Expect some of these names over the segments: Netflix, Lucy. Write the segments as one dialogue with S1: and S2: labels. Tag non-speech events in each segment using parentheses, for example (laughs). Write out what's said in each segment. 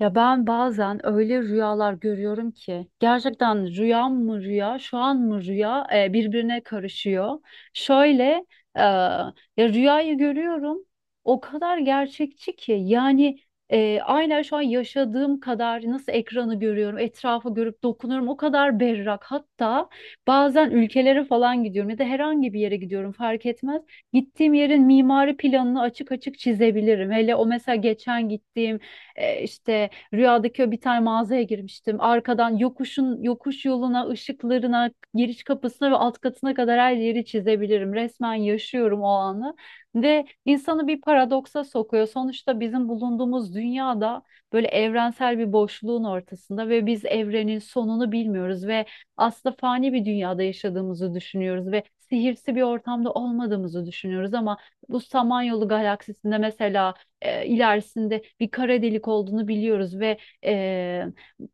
S1: Ya ben bazen öyle rüyalar görüyorum ki gerçekten rüya mı rüya, şu an mı rüya birbirine karışıyor. Şöyle e, ya rüyayı görüyorum o kadar gerçekçi ki yani, aynen şu an yaşadığım kadar nasıl ekranı görüyorum, etrafı görüp dokunuyorum o kadar berrak. Hatta bazen ülkelere falan gidiyorum ya da herhangi bir yere gidiyorum fark etmez. Gittiğim yerin mimari planını açık açık çizebilirim. Hele o mesela geçen gittiğim e, işte Rüyadaki o bir tane mağazaya girmiştim. Arkadan yokuşun yokuş yoluna, ışıklarına, giriş kapısına ve alt katına kadar her yeri çizebilirim. Resmen yaşıyorum o anı. Ve insanı bir paradoksa sokuyor. Sonuçta bizim bulunduğumuz dünyada böyle evrensel bir boşluğun ortasında ve biz evrenin sonunu bilmiyoruz ve aslında fani bir dünyada yaşadığımızı düşünüyoruz ve sihirsi bir ortamda olmadığımızı düşünüyoruz ama bu Samanyolu galaksisinde mesela ilerisinde bir kara delik olduğunu biliyoruz ve e,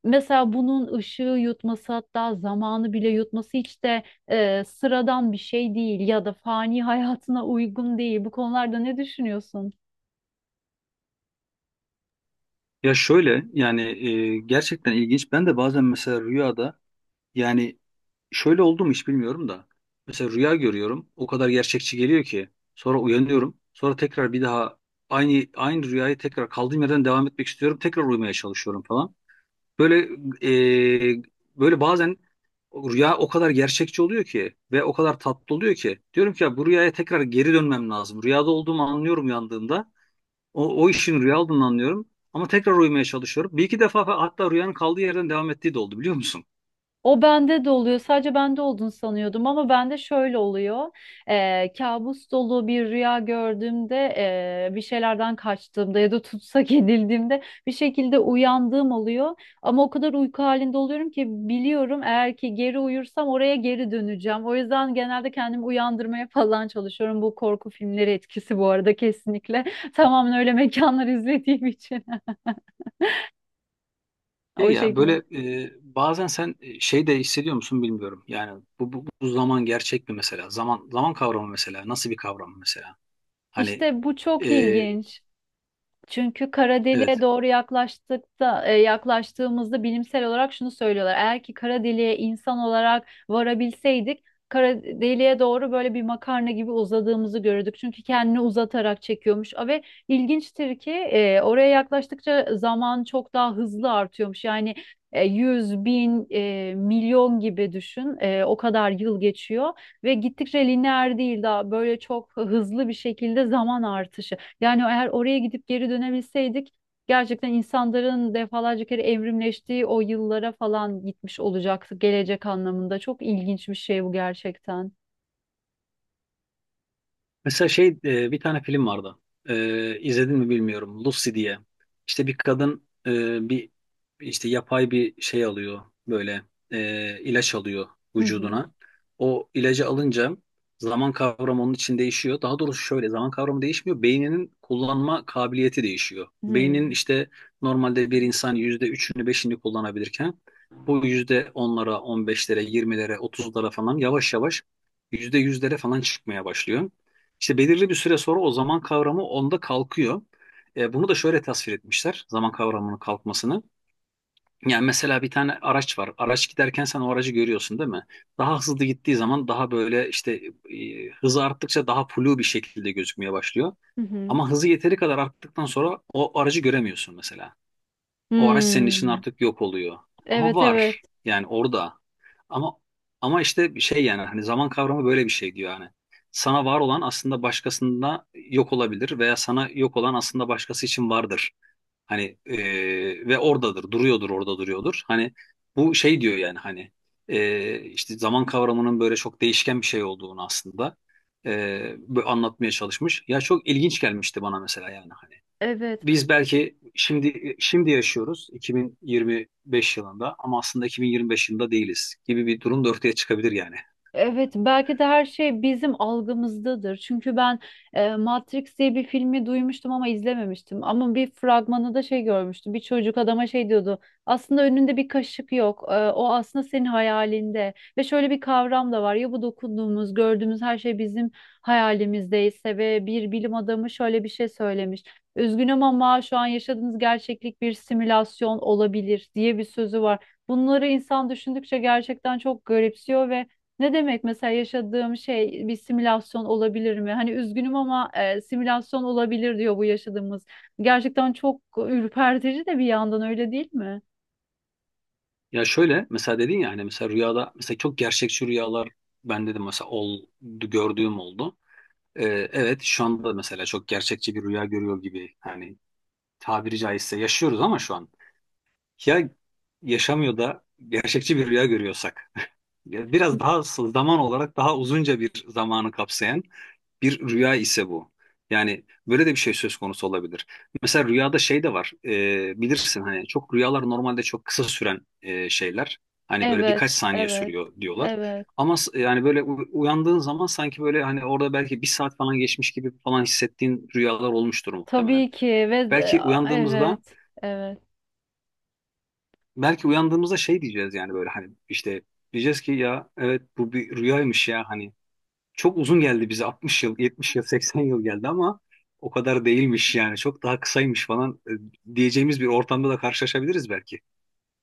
S1: mesela bunun ışığı yutması hatta zamanı bile yutması hiç de sıradan bir şey değil ya da fani (laughs) hayatına uygun değil. Bu konularda ne düşünüyorsun?
S2: Ya şöyle yani gerçekten ilginç. Ben de bazen mesela rüyada yani şöyle oldu mu hiç bilmiyorum da. Mesela rüya görüyorum. O kadar gerçekçi geliyor ki. Sonra uyanıyorum. Sonra tekrar bir daha aynı rüyayı tekrar kaldığım yerden devam etmek istiyorum. Tekrar uyumaya çalışıyorum falan. Böyle e, böyle bazen rüya o kadar gerçekçi oluyor ki ve o kadar tatlı oluyor ki. Diyorum ki ya bu rüyaya tekrar geri dönmem lazım. Rüyada olduğumu anlıyorum uyandığımda. O işin rüya olduğunu anlıyorum. Ama tekrar uyumaya çalışıyorum. Bir iki defa hatta rüyanın kaldığı yerden devam ettiği de oldu biliyor musun?
S1: O bende de oluyor. Sadece bende olduğunu sanıyordum ama bende şöyle oluyor. Kabus dolu bir rüya gördüğümde, bir şeylerden kaçtığımda ya da tutsak (laughs) edildiğimde bir şekilde uyandığım oluyor. Ama o kadar uyku halinde oluyorum ki biliyorum eğer ki geri uyursam oraya geri döneceğim. O yüzden genelde kendimi uyandırmaya (laughs) falan çalışıyorum. Bu korku filmleri etkisi bu arada kesinlikle. (laughs) Tamamen öyle mekanlar izlediğim için. (laughs)
S2: Şey
S1: O
S2: ya
S1: şekilde.
S2: böyle bazen sen şey de hissediyor musun bilmiyorum. Yani bu zaman gerçek mi mesela? Zaman zaman kavramı mesela. Nasıl bir kavram mesela? Hani
S1: İşte bu
S2: e,
S1: çok ilginç. Çünkü kara deliğe
S2: evet.
S1: doğru yaklaştığımızda bilimsel olarak şunu söylüyorlar. Eğer ki kara deliğe insan olarak varabilseydik, kara deliğe doğru böyle bir makarna gibi uzadığımızı görürdük. Çünkü kendini uzatarak çekiyormuş. Ve ilginçtir ki oraya yaklaştıkça zaman çok daha hızlı artıyormuş. Yani 100, 1000, 1000000 gibi düşün. E, o kadar yıl geçiyor ve gittikçe lineer değil daha böyle çok hızlı bir şekilde zaman artışı. Yani eğer oraya gidip geri dönebilseydik gerçekten insanların defalarca kere evrimleştiği o yıllara falan gitmiş olacaktı gelecek anlamında. Çok ilginç bir şey bu gerçekten.
S2: Mesela şey bir tane film vardı. İzledin mi bilmiyorum. Lucy diye. İşte bir kadın bir işte yapay bir şey alıyor böyle ilaç alıyor
S1: Hı hı.
S2: vücuduna. O ilacı alınca zaman kavramı onun için değişiyor. Daha doğrusu şöyle zaman kavramı değişmiyor. Beyninin kullanma kabiliyeti değişiyor.
S1: Hı hı.
S2: Beynin işte normalde bir insan yüzde üçünü beşini kullanabilirken bu yüzde onlara, on beşlere, yirmilere, otuzlara falan yavaş yavaş yüzde yüzlere falan çıkmaya başlıyor. İşte belirli bir süre sonra o zaman kavramı onda kalkıyor. Bunu da şöyle tasvir etmişler zaman kavramının kalkmasını. Yani mesela bir tane araç var. Araç giderken sen o aracı görüyorsun değil mi? Daha hızlı gittiği zaman daha böyle işte hızı arttıkça daha flu bir şekilde gözükmeye başlıyor.
S1: Hı hı.
S2: Ama hızı yeteri kadar arttıktan sonra o aracı göremiyorsun mesela. O araç senin için
S1: Hmm.
S2: artık yok oluyor. Ama
S1: Evet, evet.
S2: var yani orada. Ama ama işte şey yani hani zaman kavramı böyle bir şey diyor yani. Sana var olan aslında başkasında yok olabilir veya sana yok olan aslında başkası için vardır. Hani ve oradadır, duruyordur, orada duruyordur. Hani bu şey diyor yani hani işte zaman kavramının böyle çok değişken bir şey olduğunu aslında böyle anlatmaya çalışmış. Ya çok ilginç gelmişti bana mesela yani hani
S1: Evet.
S2: biz belki şimdi yaşıyoruz 2025 yılında ama aslında 2025 yılında değiliz gibi bir durum da ortaya çıkabilir yani.
S1: Evet, belki de her şey bizim algımızdadır. Çünkü ben Matrix diye bir filmi duymuştum ama izlememiştim. Ama bir fragmanı da şey görmüştüm. Bir çocuk adama şey diyordu. Aslında önünde bir kaşık yok. E, o aslında senin hayalinde. Ve şöyle bir kavram da var. Ya bu dokunduğumuz, gördüğümüz her şey bizim hayalimizdeyse ve bir bilim adamı şöyle bir şey söylemiş. Üzgünüm ama şu an yaşadığınız gerçeklik bir simülasyon olabilir diye bir sözü var. Bunları insan düşündükçe gerçekten çok garipsiyor ve ne demek mesela yaşadığım şey bir simülasyon olabilir mi? Hani üzgünüm ama simülasyon olabilir diyor bu yaşadığımız. Gerçekten çok ürpertici de bir yandan öyle değil mi?
S2: Ya şöyle mesela dedin ya hani mesela rüyada mesela çok gerçekçi rüyalar ben dedim mesela oldu gördüğüm oldu. Ee, evet şu anda mesela çok gerçekçi bir rüya görüyor gibi hani tabiri caizse yaşıyoruz ama şu an ya yaşamıyor da gerçekçi bir rüya görüyorsak biraz daha zaman olarak daha uzunca bir zamanı kapsayan bir rüya ise bu. Yani böyle de bir şey söz konusu olabilir. Mesela rüyada şey de var. Bilirsin hani çok rüyalar normalde çok kısa süren şeyler. Hani böyle birkaç
S1: Evet,
S2: saniye
S1: evet,
S2: sürüyor diyorlar.
S1: evet.
S2: Ama yani böyle uyandığın zaman sanki böyle hani orada belki bir saat falan geçmiş gibi falan hissettiğin rüyalar olmuştur muhtemelen.
S1: Tabii ki ve
S2: Belki uyandığımızda
S1: evet, evet.
S2: belki uyandığımızda şey diyeceğiz yani böyle hani işte diyeceğiz ki ya evet bu bir rüyaymış ya hani çok uzun geldi bize 60 yıl, 70 yıl, 80 yıl geldi ama o kadar değilmiş yani çok daha kısaymış falan diyeceğimiz bir ortamda da karşılaşabiliriz belki.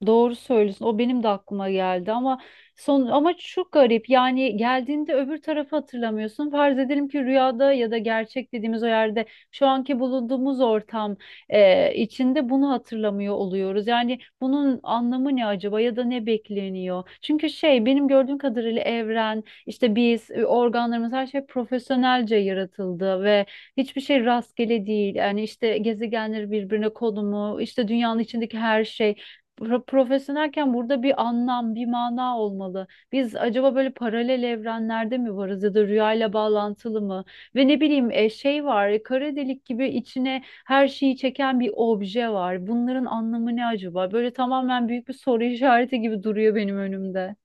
S1: Doğru söylüyorsun. O benim de aklıma geldi ama ama çok garip. Yani geldiğinde öbür tarafı hatırlamıyorsun. Farz edelim ki rüyada ya da gerçek dediğimiz o yerde şu anki bulunduğumuz ortam içinde bunu hatırlamıyor oluyoruz. Yani bunun anlamı ne acaba ya da ne bekleniyor? Çünkü şey benim gördüğüm kadarıyla evren işte biz organlarımız her şey profesyonelce yaratıldı ve hiçbir şey rastgele değil. Yani işte gezegenleri birbirine konumu, işte dünyanın içindeki her şey. Profesyonelken burada bir anlam, bir mana olmalı. Biz acaba böyle paralel evrenlerde mi varız ya da rüyayla bağlantılı mı? Ve ne bileyim şey var, kara delik gibi içine her şeyi çeken bir obje var. Bunların anlamı ne acaba? Böyle tamamen büyük bir soru (laughs) işareti gibi duruyor benim önümde.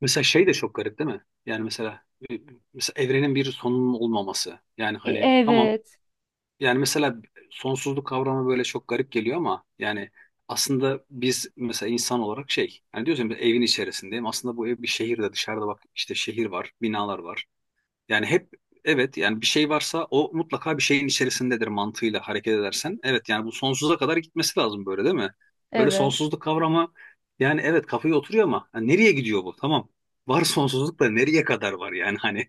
S2: Mesela şey de çok garip değil mi? Yani mesela, e, mesela evrenin bir sonunun olmaması. Yani
S1: E,
S2: hani tamam
S1: Evet,
S2: yani mesela sonsuzluk kavramı böyle çok garip geliyor ama yani aslında biz mesela insan olarak şey yani diyorsun evin içerisindeyim aslında bu ev bir şehirde dışarıda bak işte şehir var binalar var. Yani hep evet yani bir şey varsa o mutlaka bir şeyin içerisindedir mantığıyla hareket edersen. Evet yani bu sonsuza kadar gitmesi lazım böyle değil mi? Böyle
S1: evet.
S2: sonsuzluk kavramı yani evet kafaya oturuyor ama yani nereye gidiyor bu? Tamam. Var sonsuzluk da nereye kadar var yani hani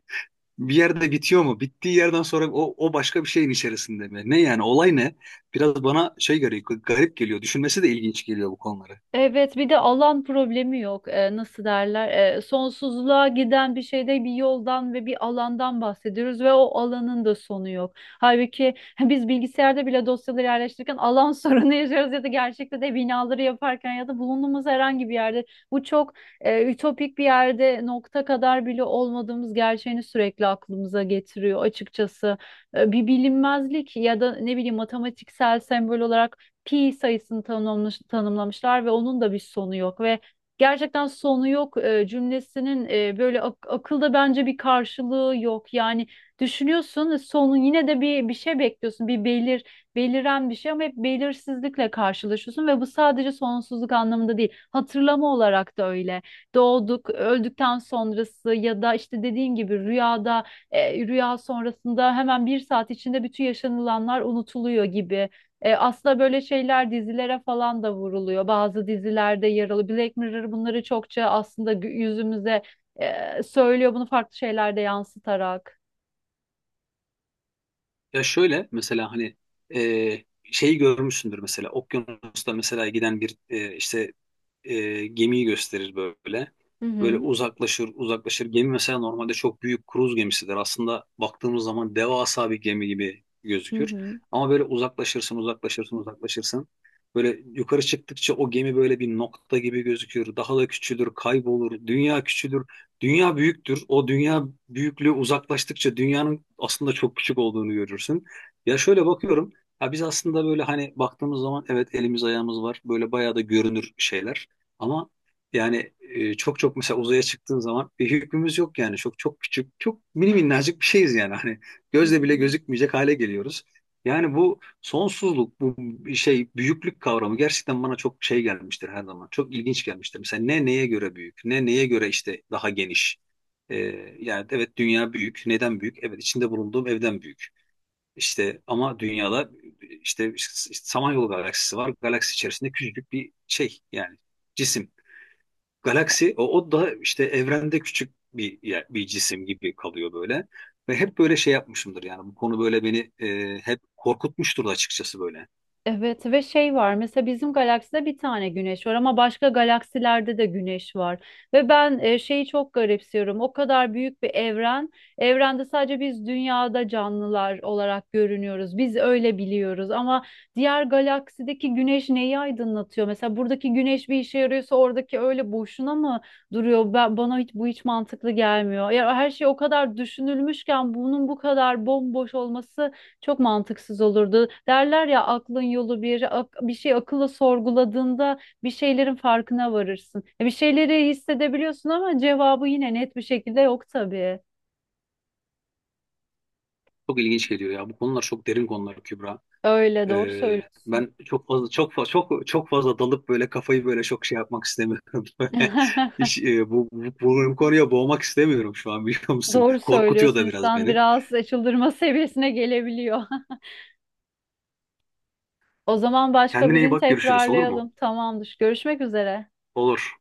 S2: bir yerde bitiyor mu? Bittiği yerden sonra o başka bir şeyin içerisinde mi? Ne yani olay ne? Biraz bana şey geliyor garip geliyor. Düşünmesi de ilginç geliyor bu konuları.
S1: Evet, bir de alan problemi yok. Nasıl derler? Sonsuzluğa giden bir şeyde bir yoldan ve bir alandan bahsediyoruz ve o alanın da sonu yok. Halbuki (laughs) biz bilgisayarda bile dosyaları yerleştirirken alan (laughs) sorunu yaşıyoruz ya da gerçekte de binaları yaparken ya da bulunduğumuz herhangi bir yerde bu çok ütopik bir yerde nokta kadar bile olmadığımız gerçeğini sürekli aklımıza getiriyor açıkçası. Bir bilinmezlik ya da ne bileyim matematiksel sembol olarak pi sayısını tanımlamışlar ve onun da bir sonu yok ve gerçekten sonu yok cümlesinin böyle akılda bence bir karşılığı yok. Yani düşünüyorsun sonun yine de bir şey bekliyorsun. Bir belir Beliren bir şey ama hep belirsizlikle karşılaşıyorsun ve bu sadece sonsuzluk anlamında değil. Hatırlama olarak da öyle. Doğduk, öldükten sonrası ya da işte dediğin gibi rüyada rüya sonrasında hemen bir saat içinde bütün yaşanılanlar unutuluyor gibi. Aslında böyle şeyler dizilere falan da vuruluyor. Bazı dizilerde yer alıyor. Black Mirror bunları çokça aslında yüzümüze söylüyor bunu farklı şeylerde yansıtarak.
S2: Ya şöyle mesela hani e, şeyi görmüşsündür mesela okyanusta mesela giden bir işte gemiyi gösterir böyle.
S1: Hı
S2: Böyle
S1: hı.
S2: uzaklaşır uzaklaşır. Gemi mesela normalde çok büyük kruz gemisidir. Aslında baktığımız zaman devasa bir gemi gibi
S1: Hı
S2: gözükür.
S1: hı.
S2: Ama böyle uzaklaşırsın uzaklaşırsın uzaklaşırsın. Böyle yukarı çıktıkça o gemi böyle bir nokta gibi gözükür. Daha da küçülür, kaybolur. Dünya küçülür. Dünya büyüktür. O dünya büyüklüğü uzaklaştıkça dünyanın aslında çok küçük olduğunu görürsün. Ya şöyle bakıyorum. Ya biz aslında böyle hani baktığımız zaman evet elimiz ayağımız var. Böyle bayağı da görünür şeyler. Ama yani çok çok mesela uzaya çıktığın zaman bir hükmümüz yok yani. Çok çok küçük, çok mini minnacık bir şeyiz yani. Hani
S1: Hı
S2: gözle bile
S1: hı.
S2: gözükmeyecek hale geliyoruz. Yani bu sonsuzluk, bu şey büyüklük kavramı gerçekten bana çok şey gelmiştir her zaman. Çok ilginç gelmiştir. Mesela ne neye göre büyük, ne neye göre işte daha geniş. E, Yani evet dünya büyük. Neden büyük? Evet içinde bulunduğum evden büyük. İşte ama dünyada işte, işte Samanyolu galaksisi var. Galaksi içerisinde küçücük bir şey yani cisim. Galaksi o da işte evrende küçük bir bir cisim gibi kalıyor böyle. Ve hep böyle şey yapmışımdır yani bu konu böyle beni hep korkutmuştur da açıkçası böyle.
S1: Evet ve şey var mesela bizim galakside bir tane güneş var ama başka galaksilerde de güneş var. Ve ben şeyi çok garipsiyorum o kadar büyük bir evrende sadece biz dünyada canlılar olarak görünüyoruz biz öyle biliyoruz ama diğer galaksideki güneş neyi aydınlatıyor? Mesela buradaki güneş bir işe yarıyorsa oradaki öyle boşuna mı duruyor? Bana hiç bu hiç mantıklı gelmiyor. Ya her şey o kadar düşünülmüşken bunun bu kadar bomboş olması çok mantıksız olurdu. Derler ya aklın yolu bir, bir şey akılla sorguladığında bir şeylerin farkına varırsın. Bir şeyleri hissedebiliyorsun ama cevabı yine net bir şekilde yok tabii.
S2: Çok ilginç geliyor ya bu konular çok derin konular Kübra.
S1: Öyle doğru söylüyorsun.
S2: Ben çok fazla çok fazla çok çok fazla dalıp böyle kafayı böyle çok şey yapmak istemiyorum. (laughs) Böyle. Hiç,
S1: (laughs)
S2: bu konuya boğmak istemiyorum şu an biliyor musun?
S1: Doğru
S2: Korkutuyor
S1: söylüyorsun.
S2: da biraz
S1: İnsan
S2: beni.
S1: biraz çıldırma seviyesine gelebiliyor. (laughs) O zaman başka bir
S2: Kendine iyi
S1: gün
S2: bak görüşürüz olur mu?
S1: tekrarlayalım. Tamamdır. Görüşmek üzere.
S2: Olur.